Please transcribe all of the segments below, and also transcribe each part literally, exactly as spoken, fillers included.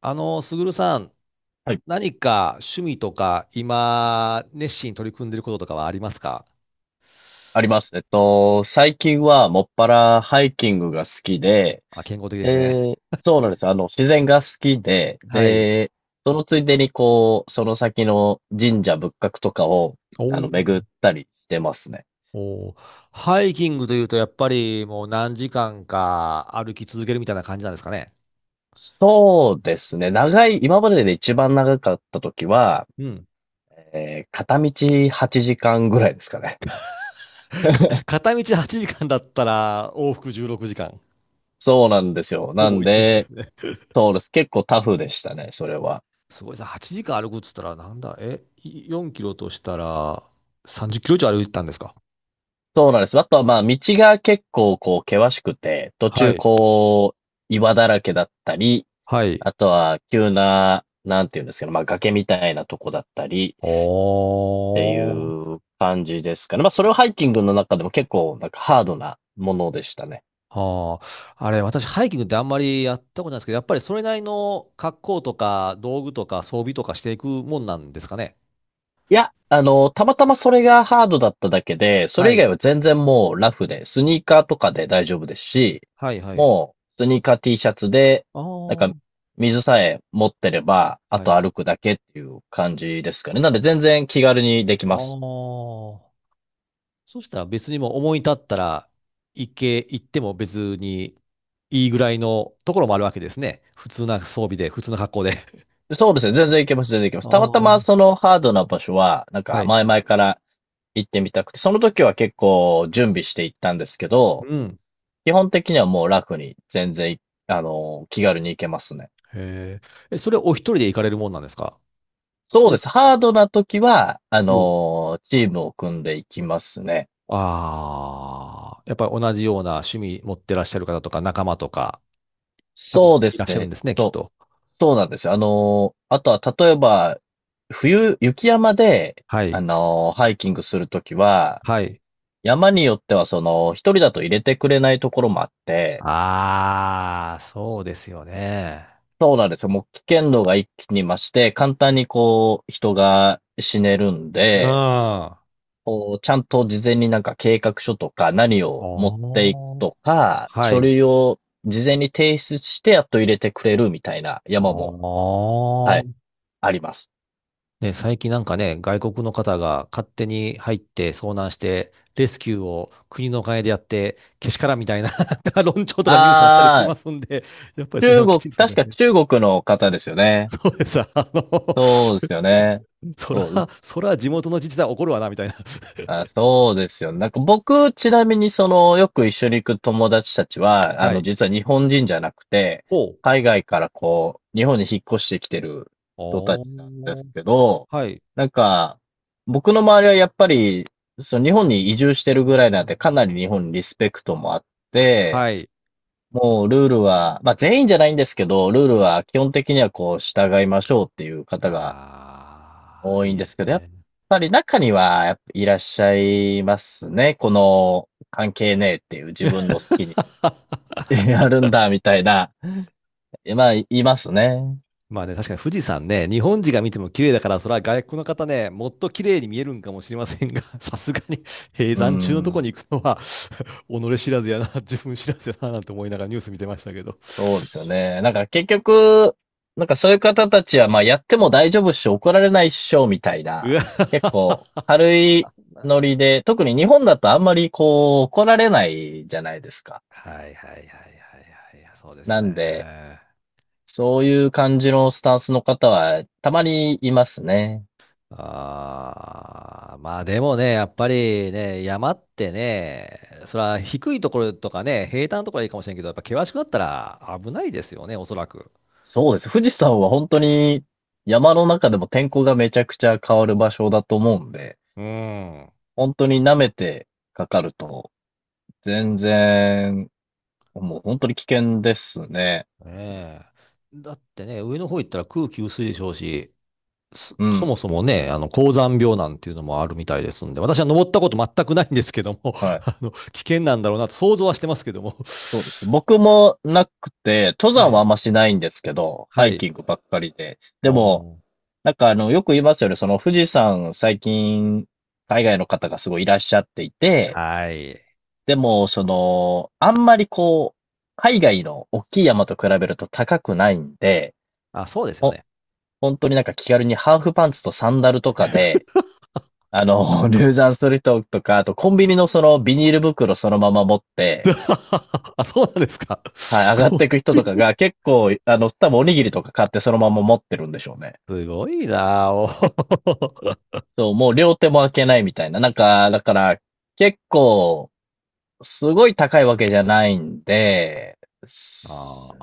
あの、すぐるさん、はい、何か趣味とか、今、熱心に取り組んでることとかはありますか？あります。えっと、最近はもっぱらハイキングが好きで、あ、健康的ですね。で、そうなんですよ。あの、自然が好きで、はい。で、そのついでにこう、その先の神社仏閣とかを、おあの、巡っーたりしてますね。おー、ハイキングというと、やっぱりもう何時間か歩き続けるみたいな感じなんですかね。そうですね。長い、今までで一番長かった時は、うん。えー片道はちじかんぐらいですかね。か片道はちじかんだったら、往復じゅうろくじかん。そうなんですよ。ほなぼんいちにちでで、すね。そうです。結構タフでしたね、それは。すごいさ、はちじかん歩くっつったら、なんだ、え、いよんキロとしたら、さんじゅっキロ以上歩いたんですか？そうなんです。あとはまあ、道が結構こう、険しくて、途は中い。こう、岩だらけだったり、はい。あとは急な、なんていうんですけど、まあ、崖みたいなとこだったりおってーいう感じですかね。まあ、それをハイキングの中でも結構なんかハードなものでしたね。はあ、あれ、私、ハイキングってあんまりやったことないですけど、やっぱりそれなりの格好とか、道具とか、装備とかしていくもんなんですかね。いや、あの、たまたまそれがハードだっただけで、そはれ以い。外は全然もうラフで、スニーカーとかで大丈夫ですし、はい、はい。もうスニーカー T シャツで、あなんあ、か水さえ持ってれば、あはい。とあ歩くだけっていう感じですかね。なんで全然気軽にできます。あ。そしたら別にもう思い立ったら、行け、行っても別にいいぐらいのところもあるわけですね。普通な装備で、普通な格好で。そうですね、全然いけます、全然いけまあす。たまたあ。まそのハードな場所は、なんはかい。前々から行ってみたくて、その時は結構準備して行ったんですけど、うん。基本的にはもうラフに全然い、あの、気軽に行けますね。へえ。え、それお一人で行かれるもんなんですか？そそうでれ、す。ハードな時は、あおのーチームを組んでいきますね。ああ、やっぱり同じような趣味持ってらっしゃる方とか仲間とか、多分そうでいすらっしゃるんね。ですね、きっそう、と。そうなんですよ。あのーあとは、例えば、冬、雪山で、はあい。のーハイキングするときは、はい。山によっては、その、一人だと入れてくれないところもあって、ああ、そうですよね。そうなんですよ。もう危険度が一気に増して、簡単にこう、人が死ねるんうん。で、あこう、ちゃんと事前になんか計画書とか何あ、を持っていくとか、は書い。類を事前に提出してやっと入れてくれるみたいなあ山も、はい、あ。あります。ね、最近なんかね、外国の方が勝手に入って遭難して、レスキューを国のお金でやって、けしからんみたいな 論調とかニュースあったりしあまー、すんで、やっぱりその辺中はき国、ちんとするん確でかすね。中国の方ですよね。そうです。あのそうですよね。そら、そう、そら地元の自治体怒るわな、みたいな。あ、そうですよ。なんか僕、ちなみにその、よく一緒に行く友達たちは、あはの、い。実は日本人じゃなくて、ほう。海外からこう、日本に引っ越してきてる人たおちなんですー。けど、はい。なんか、僕の周りはやっぱり、その日本に移住してるぐらいなんで、かなり日本にリスペクトもあって、はい。もうルールは、まあ全員じゃないんですけど、ルーうルん。は基本的にはこう、従いましょうっていう方がああ、多いいいんでですすけど、やっね。ぱり中には、やっぱいらっしゃいますね。この、関係ねえっていう自分の好きに やるんだ、みたいな。まあ、いますね。まあね、確かに富士山ね、日本人が見ても綺麗だから、それは外国の方ね、もっと綺麗に見えるんかもしれませんが、さすがに閉う山中のとこん。に行くのは 己知らずやな、自分知らずやな、なんて思いながらニュース見てましたけど。そうですよね。なんか結局、なんかそういう方たちは、まあやっても大丈夫っしょ、怒られないっしょ、みたいうな。わ結構、軽いノリで、特に日本だとあんまりこう、怒られないじゃないですか。はいはいはいはいはい、そうですよなんで、ね。そういう感じのスタンスの方は、たまにいますね。ああ、まあでもね、やっぱりね、山ってね、それは低いところとかね、平坦なところはいいかもしれんけど、やっぱ険しくなったら危ないですよね、おそらく。そうです。富士山は本当に山の中でも天候がめちゃくちゃ変わる場所だと思うんで、うん。ね本当に舐めてかかると、全然、もう本当に危険ですね。え。だってね、上の方行ったら空気薄いでしょうし、そ、うそん。もそもね、あの、高山病なんていうのもあるみたいですんで、私は登ったこと全くないんですけども、は い。あの、危険なんだろうなと想像はしてますけども。そうです。僕もなくて、登は山はあい。んましないんですけど、ハはイい。キングばっかりで。おでも、ーなんかあの、よく言いますよね。その富士山最近、海外の方がすごいいらっしゃっていて、はい。でも、その、あんまりこう、海外の大きい山と比べると高くないんで、あ、そうですよほ、ね。本当になんか気軽にハーフパンツとサンダルとかで、あの、入山する人とか、あとコンビニのそのビニール袋そのまま持って、あ、そうなんですか。はい、上がっコていく人ピとーかな、が結構、あの、多分おにぎりとか買ってそのまま持ってるんでしょうね。すごいなあおー そう、もう両手も開けないみたいな。なんか、だから、結構、すごい高いわけじゃないんで、あそ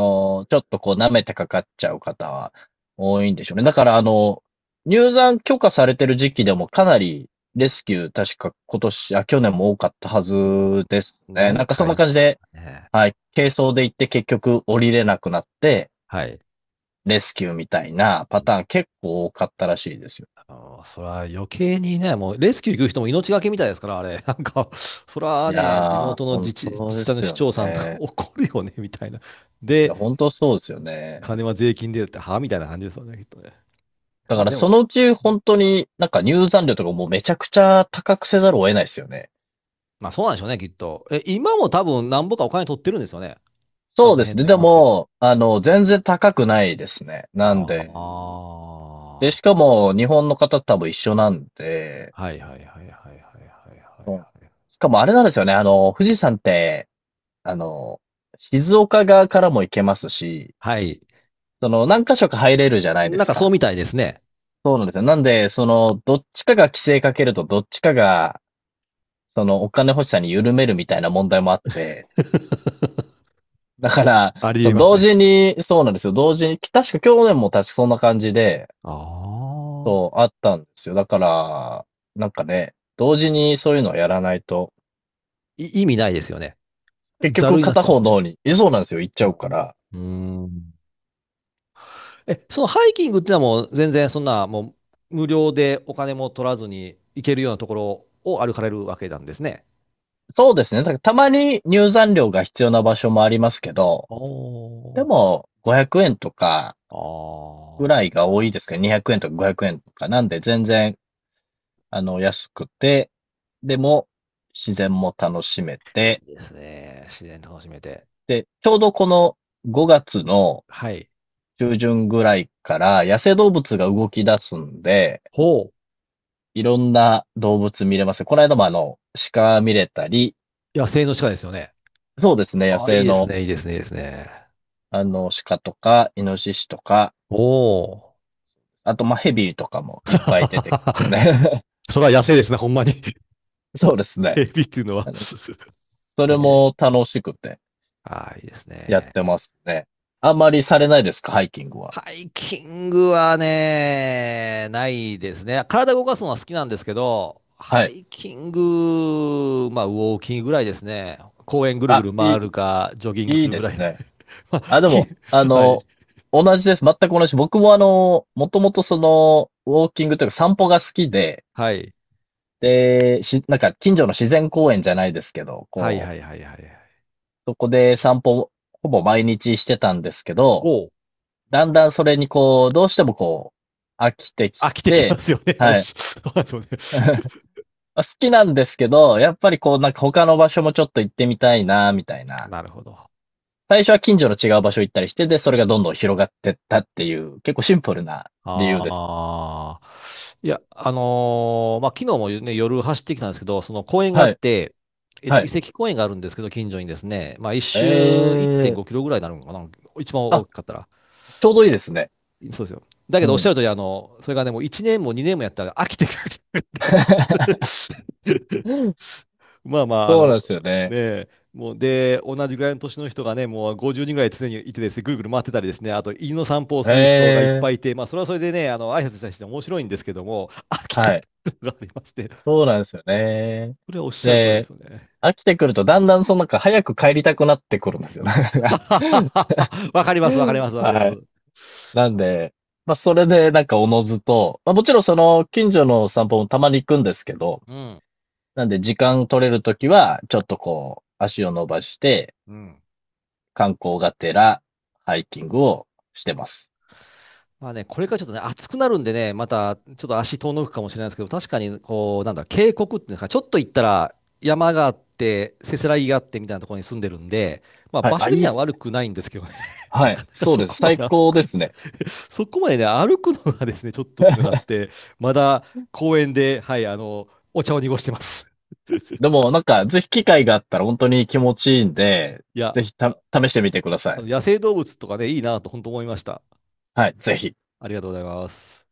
あ、ちょっとこう舐めてかかっちゃう方は多いんでしょうね。だからあの、入山許可されてる時期でもかなりレスキュー確か今年、あ、去年も多かったはうずですんね。ななんんかそかんな言っ感じてまで、したね。はい、軽装で行って結局降りれなくなって、はい。レスキューみたいなパターン結構多かったらしいですよ。あのそれは余計にね、もうレスキュー行く人も命がけみたいですから、あれ。なんか、それいはね、地やー、元の本自治、自当治で体すの市よ長さんとか ね。怒るよね、みたいな。いや、で、本当そうですよね。金は税金でって、はみたいな感じですよね、きっとね。だかあ、らでそも、のうち本当になんか入山料とかもうめちゃくちゃ高くせざるを得ないですよね。まあそうなんでしょうね、きっと。え、今も多分、なんぼかお金取ってるんですよね。あそうのです辺ね。ので山っていうのは。も、あの、全然高くないですね。あなんで。で、しかあ。も日本の方と多分一緒なんで、はいはいはいはいはいはいはいうん、はい。しかもあれなんですよね。あの、富士山って、あの、静岡側からも行けますし、はい。その何箇所か入れるじゃないでなんすかそうか。みたいですね。そうなんですよ。なんで、その、どっちかが規制かけると、どっちかが、その、お金欲しさに緩めるみたいな問題もあって、だから、ありそえのます同ね。時に、そうなんですよ。同時に、確か去年も確かそんな感じで、ああ。そう、あったんですよ。だから、なんかね、同時にそういうのをやらないと、い意味ないですよね。結ざ局るになっ片ちゃいま方すのね。方に、えそうなんですよ、行っちうゃうかん。ら。うん。うーんえ、そのハイキングってのはもう全然そんなもう無料でお金も取らずに行けるようなところを歩かれるわけなんですね。そうですね。だからたまに入山料が必要な場所もありますけど、おでー。も、ごひゃくえんとかぐあらいあ。が多いですけど、にひゃくえんとかごひゃくえんとか、なんで全然、あの、安くて、でも、自然も楽しめいて、いですね。自然楽しめて。で、ちょうどこのごがつのはい。中旬ぐらいから野生動物が動き出すんで、ほいろんな動物見れます。この間もあの、鹿見れたり、う。野生の鹿ですよね。そうですね、野あ、いい生ですのね、いいですね、いいですね。あの、鹿とか、イノシシとか、おー。あとまあヘビとかもいっぱい出てきてますね。それは野生ですね、ほんまに。そうです エね。ビっていうのは。あの、 それえもー楽しくてあーいいですやっね。てますね。あんまりされないですか、ハイキングは。ハイキングはね、ないですね。体動かすのは好きなんですけど、はハい。イキング、まあ、ウォーキングぐらいですね。公園ぐるぐあ、るい回るか、ジョギングい、いすいるでぐすらいで。ね。まあ、あ、でき、も、あはの、い。同じです。全く同じ。僕もあの、もともとその、ウォーキングというか散歩が好きで、はい。で、し、なんか近所の自然公園じゃないですけど、はいこはいはいはいはい。う、そこで散歩、ほぼ毎日してたんですけど、おう、だんだんそれにこう、どうしてもこう、飽きてき飽きてきまて、すよね。おっはい。しそうなんですよね。まあ好きなんですけど、やっぱりこう、なんか他の場所もちょっと行ってみたいな、みたい な。なるほど。最初は近所の違う場所行ったりして、で、それがどんどん広がってったっていう、結構シンプルな理由です。ああ。いや、あのーまあ、昨日もね、夜走ってきたんですけど、その公園があっはい。て、えっと、は遺い。跡公園があるんですけど、近所にですね、まあ、一え周1.5え。キロぐらいになるのかな、一番大あ、きかったら。ちょうどいいですね。そうですよ。だけうどおっしゃん。る通り、あの、それがね、もういちねんもにねんもやったら飽きてくるって言ってま した まあまあ、あそうなの、んですよねね。え、もうで、同じぐらいの年の人がね、もうごじゅうにんぐらい常にいてですね、ぐるぐる回ってたりですね、あと犬の散歩をする人がいっえ。ぱいいて、まあ、それはそれでね、あの挨拶したりして面白いんですけども、飽きてはくい。るのがありまして、そうなんですよね。それはおっしゃる通りなんでで、すよね。飽きてくるとだんだんそのなんか早く帰りたくなってくるんですよ。なんか わかります、わかり ます、わかりまはす。い。なんで、ま、それでなんかおのずと、ま、もちろんその近所の散歩もたまに行くんですけど、うん、なんで時間取れる時は、ちょっとこう、足を伸ばして、うん。観光がてらハイキングをしてます。まあね、これからちょっとね、暑くなるんでね、またちょっと足遠のくかもしれないですけど、確かに、こう、なんだ渓谷っていうんですか、ちょっと行ったら山があって、せせらぎがあってみたいなところに住んでるんで、まあはい。場所あ、い的いにっはす悪ね。くないんですけどね、なはかい。なかそうそです。こま最で歩高くでの、すね。そこまでね、歩くのがですね、ちょっとっていうのがあっ て、まだ公園で、はい、あの、お茶を濁してます。で も、なんか、ぜひ機会があったら本当に気持ちいいんで、いや、ぜひた、あ試してみてくださあのい。野生動物とかね、いいなと本当思いました。はい、ぜひ。ありがとうございます。